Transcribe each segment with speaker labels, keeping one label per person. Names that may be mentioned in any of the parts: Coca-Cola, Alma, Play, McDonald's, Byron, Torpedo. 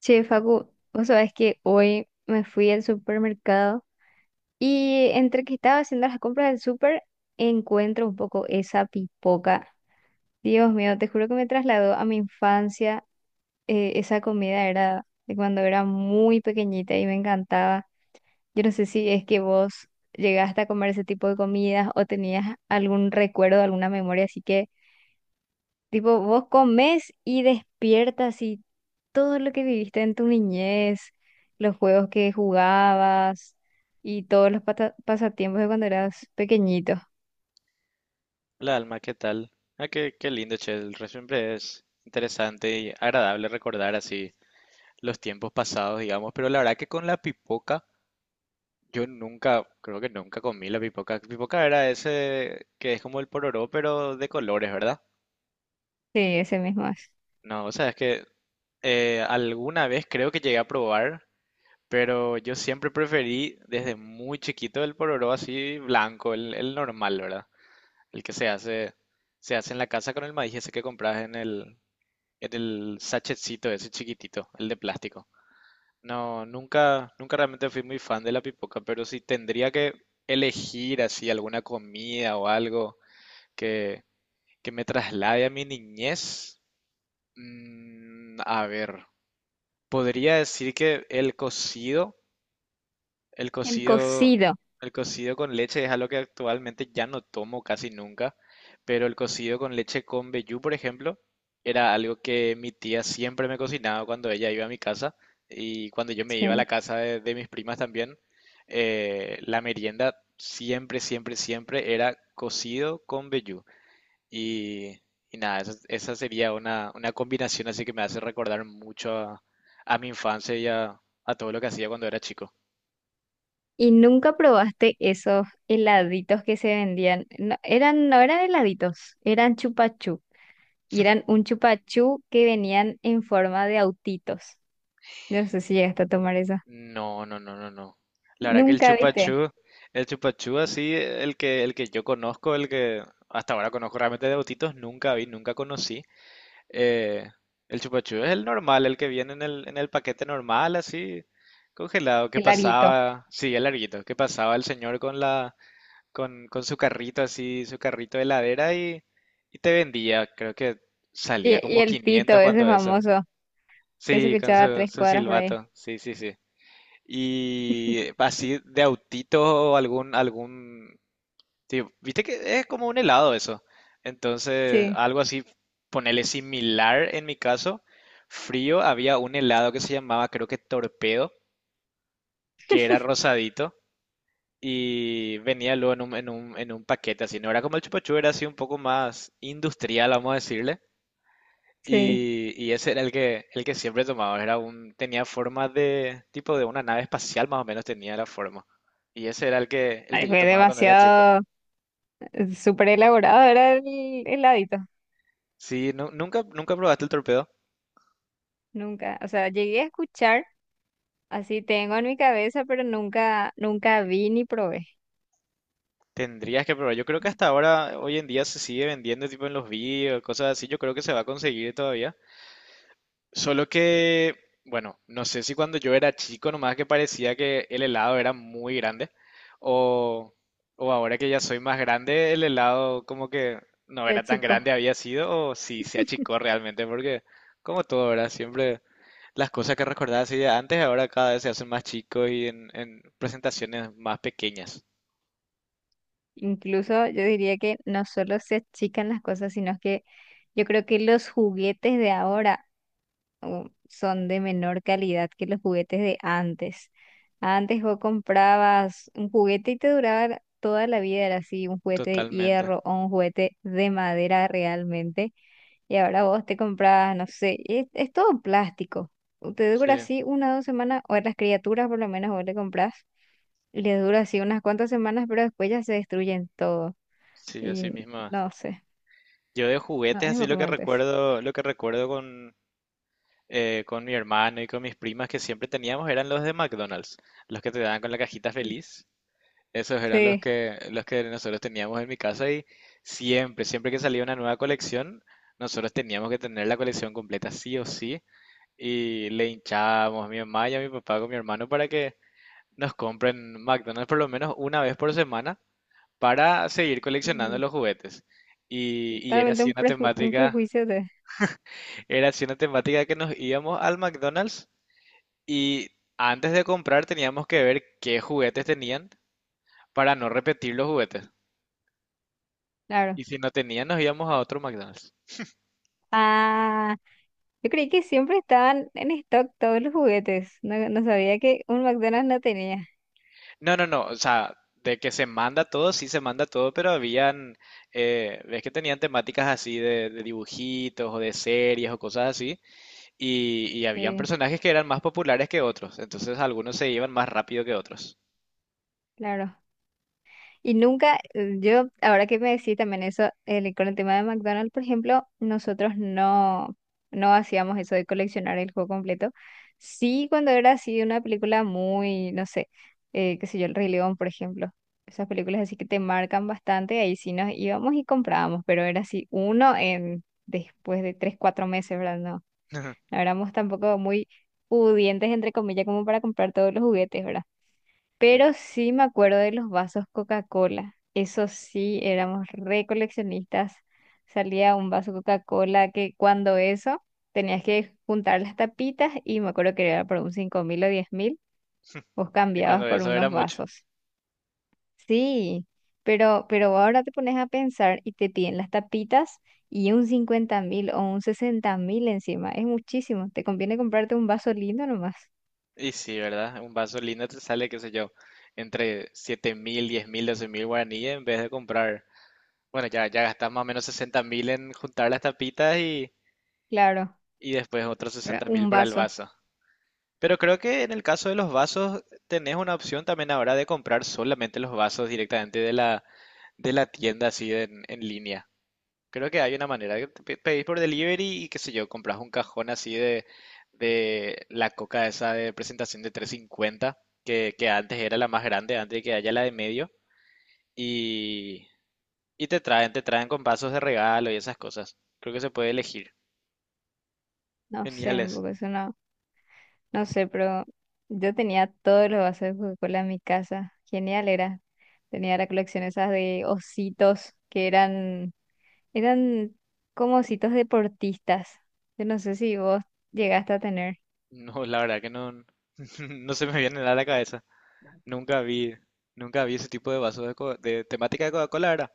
Speaker 1: Che, Facu, vos sabés que hoy me fui al supermercado y entre que estaba haciendo las compras del super, encuentro un poco esa pipoca. Dios mío, te juro que me trasladó a mi infancia. Esa comida era de cuando era muy pequeñita y me encantaba. Yo no sé si es que vos llegaste a comer ese tipo de comidas o tenías algún recuerdo, alguna memoria así que tipo, vos comés y despiertas y todo lo que viviste en tu niñez, los juegos que jugabas y todos los pasatiempos de cuando eras pequeñito.
Speaker 2: Hola Alma, ¿qué tal? Ah, qué lindo, che. Siempre es interesante y agradable recordar así los tiempos pasados, digamos. Pero la verdad que con la pipoca, yo nunca, creo que nunca comí la pipoca. Pipoca era ese que es como el pororó, pero de colores, ¿verdad?
Speaker 1: Sí, ese mismo es.
Speaker 2: No, o sea, es que alguna vez creo que llegué a probar, pero yo siempre preferí desde muy chiquito el pororó así blanco, el normal, ¿verdad? El que se hace en la casa con el maíz ese que compras en el sachetcito ese chiquitito, el de plástico. No, nunca realmente fui muy fan de la pipoca, pero si tendría que elegir así alguna comida o algo que, que me traslade a mi niñez, a ver, podría decir que El
Speaker 1: El
Speaker 2: cocido,
Speaker 1: cocido.
Speaker 2: el cocido con leche es algo que actualmente ya no tomo casi nunca, pero el cocido con leche con vellú, por ejemplo, era algo que mi tía siempre me cocinaba cuando ella iba a mi casa y cuando yo me iba a la
Speaker 1: Sí.
Speaker 2: casa de mis primas también. La merienda siempre, siempre, siempre era cocido con vellú. Y, y nada, esa sería una combinación así que me hace recordar mucho a mi infancia y a todo lo que hacía cuando era chico.
Speaker 1: ¿Y nunca probaste esos heladitos que se vendían? No eran heladitos, eran chupachú. Y eran un chupachú que venían en forma de autitos. No sé si llegaste a tomar eso.
Speaker 2: No, no, no, no, no. La verdad que el
Speaker 1: Nunca viste
Speaker 2: chupachú, el chupachú así, el que yo conozco, el que hasta ahora conozco realmente de autitos, nunca vi, nunca conocí. Eh, el chupachú es el normal, el que viene en el paquete normal, así, congelado, que
Speaker 1: el larguito.
Speaker 2: pasaba, sí, el larguito, que pasaba el señor con con su carrito así, su carrito de heladera y te vendía, creo que
Speaker 1: Y,
Speaker 2: salía
Speaker 1: y
Speaker 2: como
Speaker 1: el pito,
Speaker 2: 500
Speaker 1: ese
Speaker 2: cuando eso.
Speaker 1: famoso, que se
Speaker 2: Sí, con
Speaker 1: escuchaba a
Speaker 2: su,
Speaker 1: tres
Speaker 2: su
Speaker 1: cuadras por ahí.
Speaker 2: silbato, sí, sí, sí. Y así de autito o tipo, viste que es como un helado eso. Entonces,
Speaker 1: Sí,
Speaker 2: algo así, ponerle similar en mi caso. Frío, había un helado que se llamaba, creo que Torpedo, que era rosadito y venía luego en un paquete así. No era como el chupa chups, era así un poco más industrial, vamos a decirle.
Speaker 1: sí.
Speaker 2: Y ese era el que siempre tomaba. Tenía forma de, tipo de una nave espacial más o menos tenía la forma. Y ese era el que, el
Speaker 1: Ay,
Speaker 2: que yo
Speaker 1: fue
Speaker 2: tomaba cuando era chico.
Speaker 1: demasiado, súper elaborado era el heladito.
Speaker 2: Sí, nunca probaste el torpedo.
Speaker 1: Nunca, o sea, llegué a escuchar, así tengo en mi cabeza, pero nunca vi ni probé
Speaker 2: Tendrías que probar. Yo creo que hasta ahora, hoy en día se sigue vendiendo tipo en los vídeos, cosas así. Yo creo que se va a conseguir todavía. Solo que, bueno, no sé si cuando yo era chico nomás que parecía que el helado era muy grande o, o ahora que ya soy más grande el helado como que no
Speaker 1: de
Speaker 2: era tan
Speaker 1: chico.
Speaker 2: grande había sido o si se achicó realmente porque como todo ahora siempre las cosas que recordaba así de antes ahora cada vez se hacen más chicos y en presentaciones más pequeñas.
Speaker 1: Incluso yo diría que no solo se achican las cosas, sino que yo creo que los juguetes de ahora son de menor calidad que los juguetes de antes. Antes vos comprabas un juguete y te duraba toda la vida, era así, un juguete de
Speaker 2: Totalmente.
Speaker 1: hierro o un juguete de madera realmente. Y ahora vos te comprabas, no sé, es todo plástico. Te dura
Speaker 2: Sí,
Speaker 1: así una o dos semanas, o a las criaturas por lo menos vos le comprás, y les dura así unas cuantas semanas, pero después ya se destruyen todo.
Speaker 2: sí, así
Speaker 1: Y
Speaker 2: mismo. Es.
Speaker 1: no sé,
Speaker 2: Yo de
Speaker 1: no,
Speaker 2: juguetes así
Speaker 1: es como antes.
Speaker 2: lo que recuerdo con mi hermano y con mis primas que siempre teníamos eran los de McDonald's, los que te daban con la cajita
Speaker 1: Sí.
Speaker 2: feliz. Esos eran los
Speaker 1: Sí,
Speaker 2: que, los que nosotros teníamos en mi casa y siempre, siempre que salía una nueva colección, nosotros teníamos que tener la colección completa sí o sí y le hinchábamos a mi mamá y a mi papá con mi hermano para que nos compren McDonald's por lo menos una vez por semana para seguir coleccionando
Speaker 1: mm,
Speaker 2: los juguetes. Y era
Speaker 1: totalmente
Speaker 2: así una
Speaker 1: un
Speaker 2: temática,
Speaker 1: perjuicio.
Speaker 2: era así una temática que nos íbamos al McDonald's. Y antes de comprar teníamos que ver qué juguetes tenían para no repetir los juguetes.
Speaker 1: Claro.
Speaker 2: Y si no tenían, nos íbamos a otro McDonald's.
Speaker 1: Ah, yo creí que siempre estaban en stock todos los juguetes. No, no sabía que un McDonald's no tenía.
Speaker 2: No, no, no. O sea, de que se manda todo, sí se manda todo, pero habían, ves que tenían temáticas así de dibujitos o de series o cosas así. Y habían
Speaker 1: Sí,
Speaker 2: personajes que eran más populares que otros. Entonces algunos se iban más rápido que otros.
Speaker 1: claro. Y nunca, yo, ahora que me decís también eso, con el tema de McDonald's, por ejemplo, nosotros no hacíamos eso de coleccionar el juego completo. Sí, cuando era así una película muy, no sé, qué sé yo, El Rey León, por ejemplo. Esas películas así que te marcan bastante, ahí sí nos íbamos y comprábamos, pero era así uno en después de tres, cuatro meses, ¿verdad? No, no éramos tampoco muy pudientes, entre comillas, como para comprar todos los juguetes, ¿verdad?
Speaker 2: Ya.
Speaker 1: Pero sí me acuerdo de los vasos Coca-Cola. Eso sí, éramos re coleccionistas. Salía un vaso Coca-Cola que cuando eso tenías que juntar las tapitas y me acuerdo que era por un 5.000 o 10.000, vos
Speaker 2: Y
Speaker 1: cambiabas
Speaker 2: cuando
Speaker 1: por
Speaker 2: eso
Speaker 1: unos
Speaker 2: era mucho.
Speaker 1: vasos. Sí, pero ahora te pones a pensar y te piden las tapitas y un 50.000 o un 60.000 encima. Es muchísimo. Te conviene comprarte un vaso lindo nomás.
Speaker 2: Y sí, ¿verdad? Un vaso lindo te sale, qué sé yo, entre 7.000 10.000 12.000 guaraníes en vez de comprar. Bueno, ya, ya gastas más o menos 60.000 en juntar las tapitas y,
Speaker 1: Claro,
Speaker 2: y después otros
Speaker 1: ¿verdad?
Speaker 2: 60.000
Speaker 1: Un
Speaker 2: para el
Speaker 1: vaso.
Speaker 2: vaso. Pero creo que en el caso de los vasos tenés una opción también ahora de comprar solamente los vasos directamente de la tienda así en línea. Creo que hay una manera de pedís por delivery y qué sé yo, compras un cajón así de la coca esa de presentación de 350, que antes era la más grande, antes de que haya la de medio, y, y te traen con vasos de regalo y esas cosas. Creo que se puede elegir.
Speaker 1: No sé,
Speaker 2: Geniales.
Speaker 1: porque eso no. No sé, pero yo tenía todos los vasos de Coca-Cola en mi casa. Genial era. Tenía la colección esas de ositos que eran como ositos deportistas. Yo no sé si vos llegaste a tener.
Speaker 2: No, la verdad que no, no se me viene nada a la cabeza. Nunca vi, nunca vi ese tipo de vasos de temática de Coca-Cola, ¿verdad?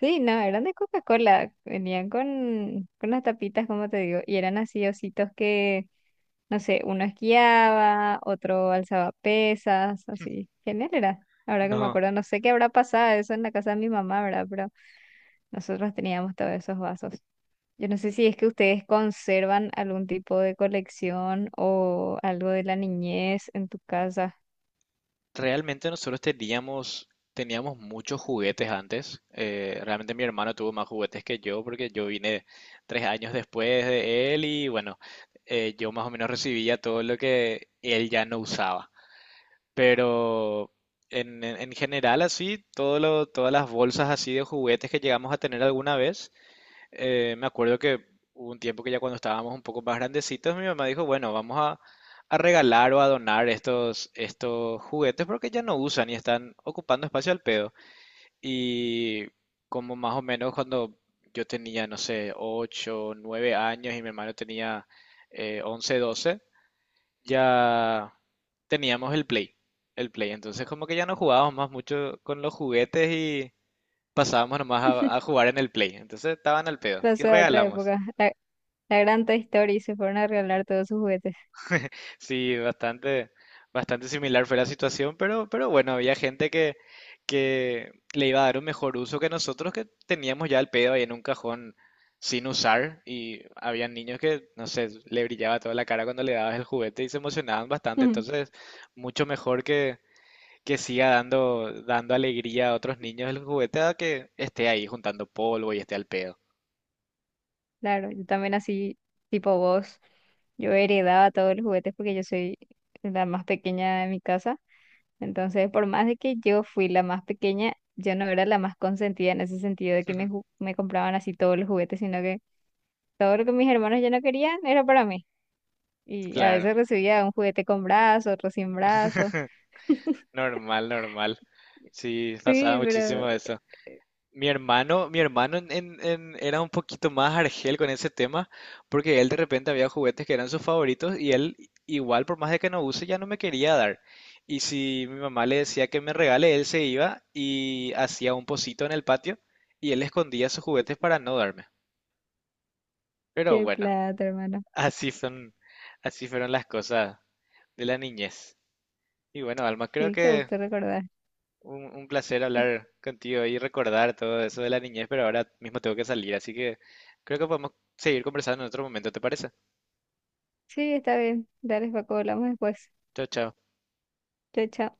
Speaker 1: Sí, no, eran de Coca-Cola. Venían con las tapitas, como te digo, y eran así ositos que, no sé, uno esquiaba, otro alzaba pesas, así. Genial era. Ahora que me
Speaker 2: No.
Speaker 1: acuerdo, no sé qué habrá pasado eso en la casa de mi mamá, ¿verdad? Nosotros teníamos todos esos vasos. Yo no sé si es que ustedes conservan algún tipo de colección o algo de la niñez en tu casa.
Speaker 2: Realmente nosotros teníamos muchos juguetes antes. Realmente mi hermano tuvo más juguetes que yo porque yo vine 3 años después de él y bueno, yo más o menos recibía todo lo que él ya no usaba. Pero en general así, todas las bolsas así de juguetes que llegamos a tener alguna vez. Me acuerdo que hubo un tiempo que ya cuando estábamos un poco más grandecitos, mi mamá dijo, bueno, vamos a regalar o a donar estos juguetes porque ya no usan y están ocupando espacio al pedo. Y como más o menos cuando yo tenía, no sé, 8 9 años y mi hermano tenía 11, 12, ya teníamos el Play. El Play. Entonces como que ya no jugábamos más mucho con los juguetes y pasábamos nomás a jugar en el Play. Entonces estaban al pedo y
Speaker 1: Pasó de otra
Speaker 2: regalamos.
Speaker 1: época. La gran Toy Story se fueron a regalar todos sus juguetes.
Speaker 2: Sí, bastante similar fue la situación, pero bueno, había gente que le iba a dar un mejor uso que nosotros que teníamos ya el pedo ahí en un cajón sin usar y había niños que, no sé, le brillaba toda la cara cuando le dabas el juguete y se emocionaban bastante, entonces mucho mejor que, siga dando alegría a otros niños el juguete a que esté ahí juntando polvo y esté al pedo.
Speaker 1: Claro, yo también así, tipo vos. Yo heredaba todos los juguetes porque yo soy la más pequeña de mi casa. Entonces, por más de que yo fui la más pequeña, yo no era la más consentida en ese sentido de que me compraban así todos los juguetes, sino que. Todo lo que mis hermanos ya no querían era para mí. Y a
Speaker 2: Claro,
Speaker 1: veces recibía un juguete con brazo, otro sin brazo.
Speaker 2: normal, normal. Sí, pasaba
Speaker 1: Sí, pero
Speaker 2: muchísimo eso. Mi hermano era un poquito más argel con ese tema, porque él de repente había juguetes que eran sus favoritos y él igual por más de que no use ya no me quería dar. Y si mi mamá le decía que me regale, él se iba y hacía un pocito en el patio y él escondía sus juguetes para no darme. Pero
Speaker 1: qué
Speaker 2: bueno,
Speaker 1: plata, hermano.
Speaker 2: así son, así fueron las cosas de la niñez. Y bueno, Alma, creo
Speaker 1: Sí, qué
Speaker 2: que
Speaker 1: gusto recordar.
Speaker 2: Un placer
Speaker 1: Es-
Speaker 2: hablar contigo y recordar todo eso de la niñez, pero ahora mismo tengo que salir, así que creo que podemos seguir conversando en otro momento, ¿te parece?
Speaker 1: Sí, está bien. Dale, Paco, hablamos después.
Speaker 2: Chao, chao.
Speaker 1: Chao, chao.